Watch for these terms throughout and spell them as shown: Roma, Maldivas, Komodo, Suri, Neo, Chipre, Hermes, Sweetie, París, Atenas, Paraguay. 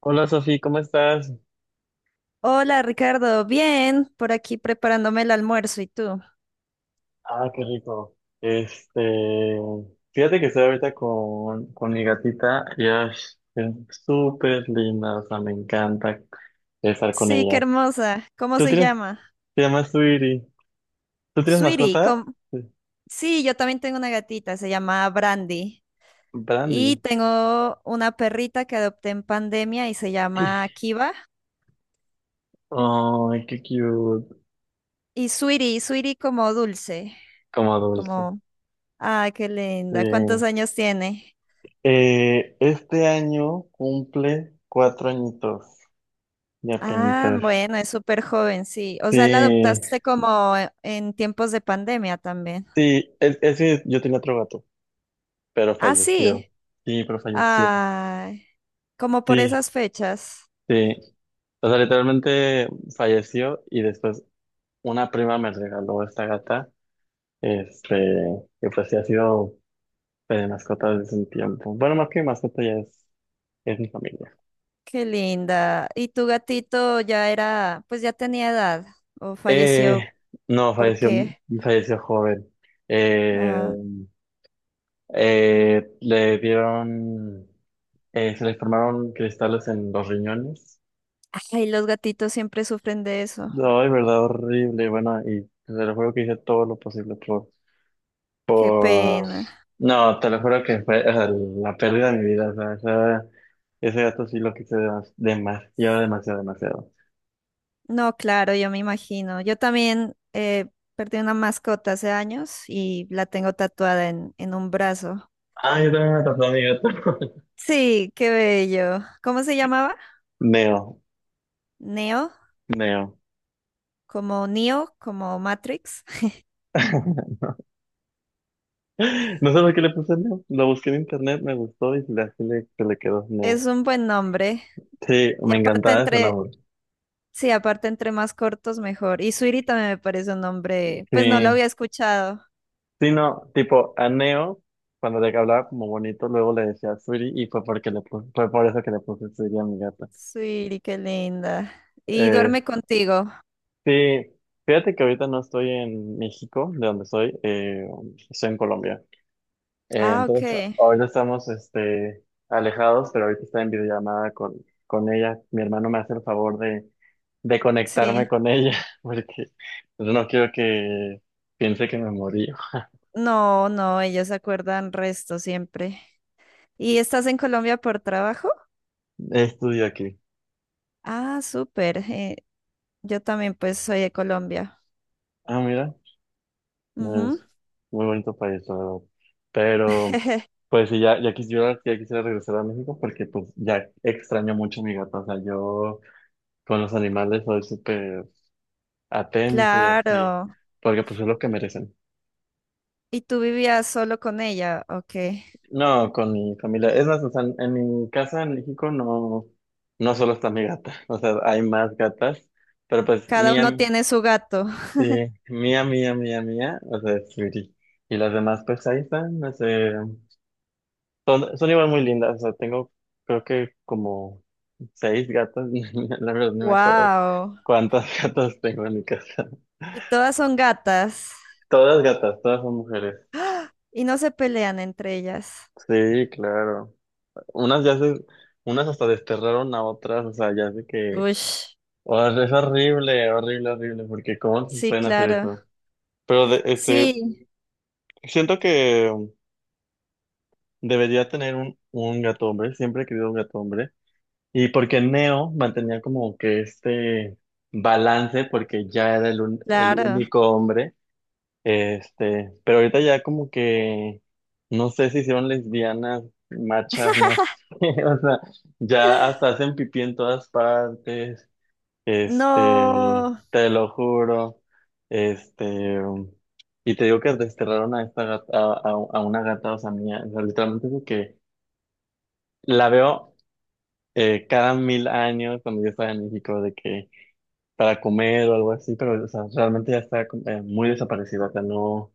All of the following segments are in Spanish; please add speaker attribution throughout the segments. Speaker 1: Hola Sofi, ¿cómo estás?
Speaker 2: Hola Ricardo, bien, por aquí preparándome el almuerzo, ¿y tú?
Speaker 1: Ah, qué rico. Fíjate que estoy ahorita con mi gatita y es súper linda, o sea, me encanta estar con
Speaker 2: Sí, qué
Speaker 1: ella.
Speaker 2: hermosa, ¿cómo
Speaker 1: ¿Tú
Speaker 2: se
Speaker 1: tienes,
Speaker 2: llama?
Speaker 1: te llamas Sweetie? ¿Tú tienes
Speaker 2: Sweetie,
Speaker 1: mascota?
Speaker 2: ¿cómo-
Speaker 1: Sí.
Speaker 2: sí, yo también tengo una gatita, se llama Brandy, y
Speaker 1: Brandy.
Speaker 2: tengo una perrita que adopté en pandemia y se llama Kiva,
Speaker 1: Ay, qué cute.
Speaker 2: y Sweetie, Sweetie como dulce,
Speaker 1: Como dulce.
Speaker 2: como, ah, qué
Speaker 1: Sí.
Speaker 2: linda, ¿cuántos años tiene?
Speaker 1: Este año cumple 4 añitos. Ya
Speaker 2: Ah,
Speaker 1: penitas.
Speaker 2: bueno, es súper joven, sí, o sea, la
Speaker 1: Sí,
Speaker 2: adoptaste como en tiempos de pandemia también.
Speaker 1: sí, es que yo tenía otro gato. Pero
Speaker 2: Ah, sí.
Speaker 1: falleció. Sí, pero falleció.
Speaker 2: Ay, como por
Speaker 1: Sí,
Speaker 2: esas fechas.
Speaker 1: sí. O sea, literalmente falleció y después una prima me regaló esta gata, este, que pues sí ha sido de mascota desde un tiempo. Bueno, más que mascota ya es mi familia.
Speaker 2: Qué linda. ¿Y tu gatito ya era, pues ya tenía edad o
Speaker 1: Eh,
Speaker 2: falleció?
Speaker 1: no,
Speaker 2: ¿Por
Speaker 1: falleció,
Speaker 2: qué?
Speaker 1: falleció joven. Eh,
Speaker 2: Ah,
Speaker 1: eh, le dieron, se le formaron cristales en los riñones.
Speaker 2: ay, los gatitos siempre sufren de eso.
Speaker 1: No, de verdad horrible, bueno, y te lo juro que hice todo lo posible
Speaker 2: Qué
Speaker 1: por-
Speaker 2: pena.
Speaker 1: No, te lo juro que fue, o sea, la pérdida de mi vida, o sea, ese gato sí lo quise demasiado, demasiado, demasiado.
Speaker 2: No, claro, yo me imagino. Yo también perdí una mascota hace años y la tengo tatuada en un brazo.
Speaker 1: Ay, yo también me atrapó a mi gato.
Speaker 2: Sí, qué bello. ¿Cómo se llamaba?
Speaker 1: Neo,
Speaker 2: Neo,
Speaker 1: Neo.
Speaker 2: Neo, como Matrix.
Speaker 1: No sé por qué le puse Neo, lo busqué en internet, me gustó y así se le quedó Neo.
Speaker 2: Es un buen nombre.
Speaker 1: Sí,
Speaker 2: Y
Speaker 1: me
Speaker 2: aparte
Speaker 1: encantaba ese
Speaker 2: entre,
Speaker 1: nombre.
Speaker 2: sí, aparte entre más cortos mejor. Y Suiri también me parece un nombre, pues no lo
Speaker 1: Sí,
Speaker 2: había escuchado.
Speaker 1: sí, no, tipo, a Neo, cuando le hablaba como bonito, luego le decía Suri y fue porque fue por eso que le puse Suri a mi gata.
Speaker 2: Suiri, qué linda. Y
Speaker 1: Eh,
Speaker 2: duerme contigo.
Speaker 1: sí, fíjate que ahorita no estoy en México, de donde soy. Estoy en Colombia. Eh,
Speaker 2: Ah, ok.
Speaker 1: entonces, ahorita estamos alejados, pero ahorita está en videollamada con ella. Mi hermano me hace el favor de conectarme
Speaker 2: Sí.
Speaker 1: con ella, porque pues no quiero que piense que me morí.
Speaker 2: No, no, ellos se acuerdan resto siempre. ¿Y estás en Colombia por trabajo?
Speaker 1: Estudio aquí.
Speaker 2: Ah, súper. Yo también pues soy de Colombia.
Speaker 1: Ah, mira.
Speaker 2: Ujú.
Speaker 1: Es muy bonito país, la verdad. Pero pues sí, ya quisiera regresar a México porque pues ya extraño mucho a mi gato. O sea, yo con los animales soy súper atento y así,
Speaker 2: Claro.
Speaker 1: porque pues es lo que
Speaker 2: ¿Y
Speaker 1: merecen.
Speaker 2: y tú vivías solo con ella? Ok.
Speaker 1: No, con mi familia. Es más, o sea, en mi casa en México no, no solo está mi gata. O sea, hay más gatas, pero pues
Speaker 2: Cada uno
Speaker 1: mía,
Speaker 2: tiene su gato.
Speaker 1: sí, mía, mía, mía, mía, o sea, es Sweetie. Y las demás pues ahí están, no sé. Son igual muy lindas, o sea, tengo creo que como 6 gatas, la verdad no me acuerdo
Speaker 2: Wow.
Speaker 1: cuántas gatas tengo en mi casa.
Speaker 2: Y todas son gatas
Speaker 1: Todas gatas, todas son mujeres.
Speaker 2: y no se pelean entre ellas.
Speaker 1: Sí, claro. Unas ya se, Unas hasta desterraron a otras, o sea, ya sé que,
Speaker 2: Uy,
Speaker 1: o sea, es horrible, horrible, horrible, porque ¿cómo se
Speaker 2: sí,
Speaker 1: pueden hacer
Speaker 2: claro.
Speaker 1: eso? Pero
Speaker 2: Sí,
Speaker 1: siento que debería tener un gato hombre, siempre he querido un gato hombre. Y porque Neo mantenía como que este balance, porque ya era el
Speaker 2: claro.
Speaker 1: único hombre. Pero ahorita ya como que, no sé si hicieron lesbianas, machas, no sé, o sea, ya hasta hacen pipí en todas partes.
Speaker 2: No,
Speaker 1: Te lo juro. este, y te digo que desterraron a esta gata, a una gata, o sea, mía, o sea, literalmente es de que la veo cada 1.000 años cuando yo estaba en México, de que para comer o algo así, pero o sea, realmente ya está muy desaparecido, o sea, no,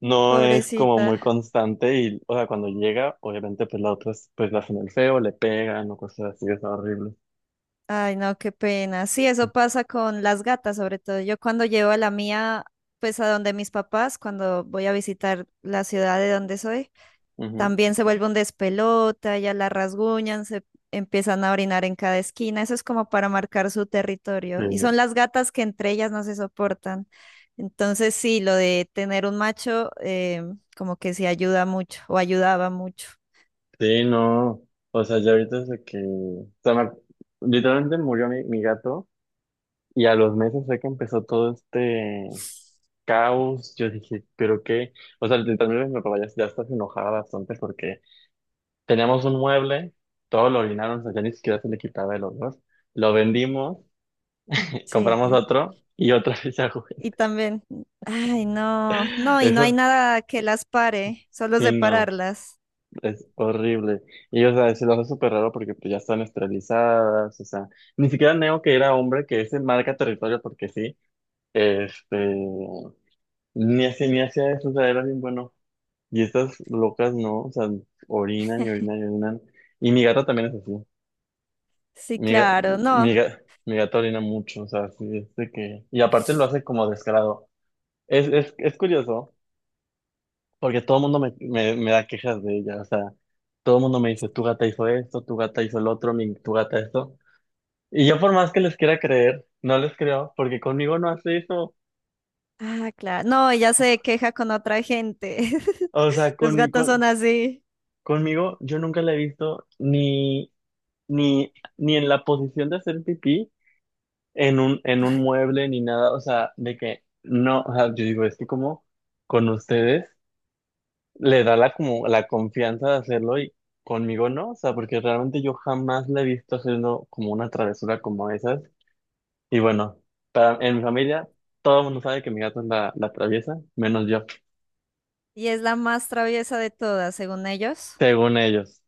Speaker 1: no es como muy
Speaker 2: pobrecita.
Speaker 1: constante y, o sea, cuando llega, obviamente pues la otra es, pues la hacen el feo, le pegan o cosas así, es horrible.
Speaker 2: Ay, no, qué pena. Sí, eso pasa con las gatas, sobre todo. Yo cuando llevo a la mía, pues a donde mis papás, cuando voy a visitar la ciudad de donde soy.
Speaker 1: Ujú.
Speaker 2: También se vuelve un despelota, ya la rasguñan, se empiezan a orinar en cada esquina. Eso es como para marcar su territorio. Y
Speaker 1: Eh,
Speaker 2: son las gatas que entre ellas no se soportan. Entonces sí, lo de tener un macho como que sí ayuda mucho o ayudaba mucho.
Speaker 1: Sí, no, o sea, ya ahorita es de que, o sea, literalmente murió mi gato y a los meses fue que empezó todo este caos. Yo dije, pero qué, o sea, literalmente mi papá ya está enojada bastante porque teníamos un mueble, todo lo orinaron, o sea, ya ni siquiera se le quitaba el olor. Lo vendimos, compramos
Speaker 2: Sí.
Speaker 1: otro y otra vez a jugar.
Speaker 2: Y también, ay, no, no, y no hay
Speaker 1: Eso,
Speaker 2: nada que las pare, solo
Speaker 1: sí, no,
Speaker 2: separarlas.
Speaker 1: es horrible. Y, o sea, se lo hace súper raro porque pues ya están esterilizadas, o sea, ni siquiera Neo, que era hombre, que ese marca territorio porque sí, este, ni así, ni hacía eso, o sea, era bien bueno. Y estas locas no, o sea, orinan y orinan y orinan. Y mi gata también es así.
Speaker 2: Sí,
Speaker 1: Mi, ga-
Speaker 2: claro,
Speaker 1: mi,
Speaker 2: no.
Speaker 1: ga- mi gato orina mucho, o sea, sí, es de que. Y aparte lo hace como descarado. Es curioso, porque todo el mundo me da quejas de ella, o sea, todo el mundo me dice, tu gata hizo esto, tu gata hizo el otro, tu gata esto. Y yo por más que les quiera creer, no les creo, porque conmigo no hace eso.
Speaker 2: Ah, claro. No, ella se queja con otra gente.
Speaker 1: O sea,
Speaker 2: Los gatos son así.
Speaker 1: conmigo yo nunca la he visto ni, ni, ni en la posición de hacer pipí, en un mueble ni nada, o sea, de que no, o sea, yo digo, es que como con ustedes le da la como la confianza de hacerlo y conmigo no, o sea, porque realmente yo jamás la he visto haciendo como una travesura como esas. Y bueno, en mi familia todo el mundo sabe que mi gato es la traviesa, menos yo,
Speaker 2: Y es la más traviesa de todas, según ellos.
Speaker 1: según ellos,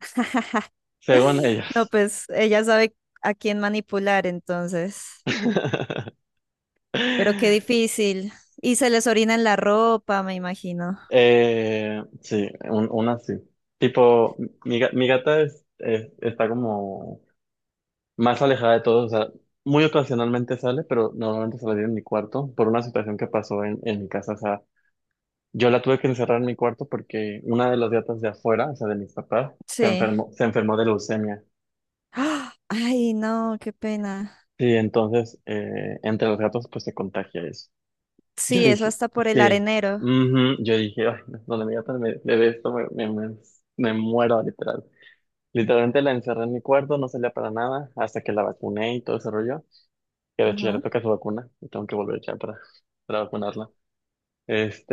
Speaker 1: según
Speaker 2: No,
Speaker 1: ellos.
Speaker 2: pues ella sabe a quién manipular, entonces. Pero qué difícil. Y se les orina en la ropa, me imagino.
Speaker 1: Sí, una sí. Tipo, mi gata está como más alejada de todos, o sea, muy ocasionalmente sale, pero normalmente sale en mi cuarto por una situación que pasó en mi casa, o sea, yo la tuve que encerrar en mi cuarto porque una de las gatas de afuera, o sea, de mis papás,
Speaker 2: Sí.
Speaker 1: se enfermó de leucemia.
Speaker 2: ¡Ah! Ay, no, qué pena.
Speaker 1: Sí, entonces, entre los gatos pues se contagia eso. Yo
Speaker 2: Sí, eso
Speaker 1: dije,
Speaker 2: hasta por el
Speaker 1: sí,
Speaker 2: arenero.
Speaker 1: ujú, yo dije, ay, no, donde mi gata me ve esto, me muero, literal. Literalmente la encerré en mi cuarto, no salía para nada, hasta que la vacuné y todo ese rollo, que de hecho ya le
Speaker 2: Ujú.
Speaker 1: toca su vacuna, y tengo que volver ya para vacunarla.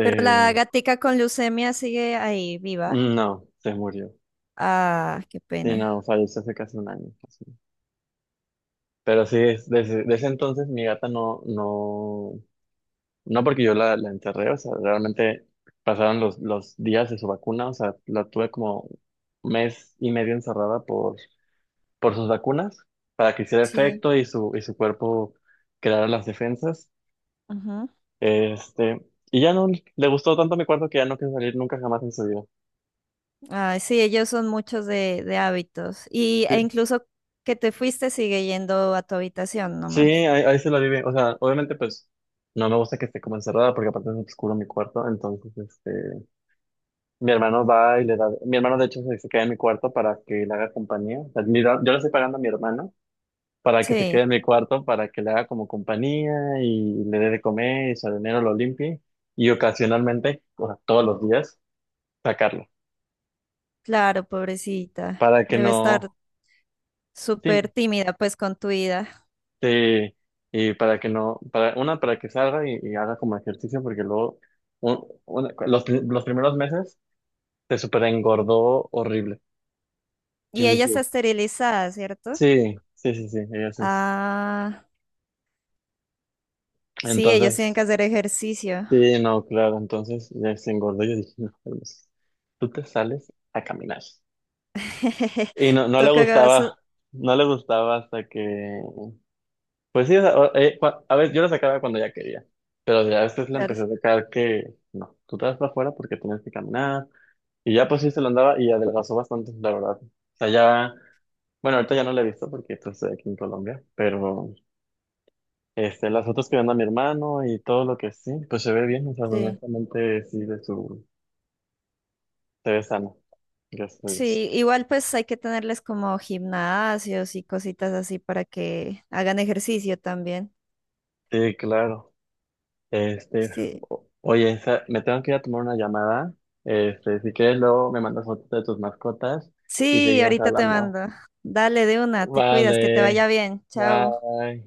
Speaker 2: Pero la gatica con leucemia sigue ahí viva.
Speaker 1: no, se murió.
Speaker 2: Ah, qué
Speaker 1: Sí, no,
Speaker 2: pena.
Speaker 1: falleció hace casi un año, casi. Pero sí, desde ese entonces mi gata no, no, no, porque yo la enterré, o sea, realmente pasaron los días de su vacuna, o sea, la tuve como mes y medio encerrada por sus vacunas, para que hiciera
Speaker 2: Sí.
Speaker 1: efecto y y su cuerpo creara las defensas.
Speaker 2: Ujú.
Speaker 1: Este, y ya no le gustó tanto mi cuarto que ya no quiso salir nunca jamás en su vida.
Speaker 2: Ay, sí, ellos son muchos de hábitos. Y, e
Speaker 1: Sí,
Speaker 2: incluso que te fuiste sigue yendo a tu habitación
Speaker 1: sí,
Speaker 2: nomás.
Speaker 1: ahí se la vive. O sea, obviamente pues no me gusta que esté como encerrada porque aparte es oscuro mi cuarto. Entonces, mi hermano va y le da, mi hermano de hecho se queda en mi cuarto para que le haga compañía. O sea, yo le estoy pagando a mi hermano para que se quede
Speaker 2: Sí,
Speaker 1: en mi cuarto, para que le haga como compañía y le dé de comer y su dinero lo limpie. Y ocasionalmente, o sea, todos los días, sacarlo
Speaker 2: claro, pobrecita.
Speaker 1: para que
Speaker 2: Debe estar
Speaker 1: no,
Speaker 2: súper
Speaker 1: sí,
Speaker 2: tímida pues con tu vida.
Speaker 1: sí, y para que no, para, una, para que salga y haga como ejercicio, porque luego, los primeros meses se super engordó horrible. Yo
Speaker 2: Y ella
Speaker 1: dije,
Speaker 2: está esterilizada, ¿cierto?
Speaker 1: sí, sí, sí, sí, ella sí
Speaker 2: Ah, sí, ellos tienen
Speaker 1: Entonces,
Speaker 2: que hacer ejercicio.
Speaker 1: sí, no, claro, entonces ya se engordó. Yo dije, no, Hermes, tú te sales a caminar. Y no, no le
Speaker 2: Toca, que vas a-
Speaker 1: gustaba, no le gustaba hasta que pues sí, o sea, a ver, yo la sacaba cuando ya quería, pero ya después la
Speaker 2: claro,
Speaker 1: empecé a sacar que no, tú te vas para afuera porque tienes que caminar, y ya pues sí se lo andaba y adelgazó bastante, la verdad. O sea, ya, bueno, ahorita ya no la he visto porque pues estoy aquí en Colombia, pero las fotos que manda mi hermano y todo lo que sí, pues se ve bien, o sea,
Speaker 2: sí.
Speaker 1: honestamente sí, se ve sano, gracias a Dios.
Speaker 2: Sí, igual pues hay que tenerles como gimnasios y cositas así para que hagan ejercicio también.
Speaker 1: Sí, claro. Este,
Speaker 2: Sí,
Speaker 1: oye, me tengo que ir a tomar una llamada. Si quieres, luego me mandas fotos de tus mascotas y
Speaker 2: sí,
Speaker 1: seguimos
Speaker 2: ahorita te
Speaker 1: hablando.
Speaker 2: mando. Dale de una, te cuidas, que te vaya
Speaker 1: Vale,
Speaker 2: bien. Chao.
Speaker 1: bye.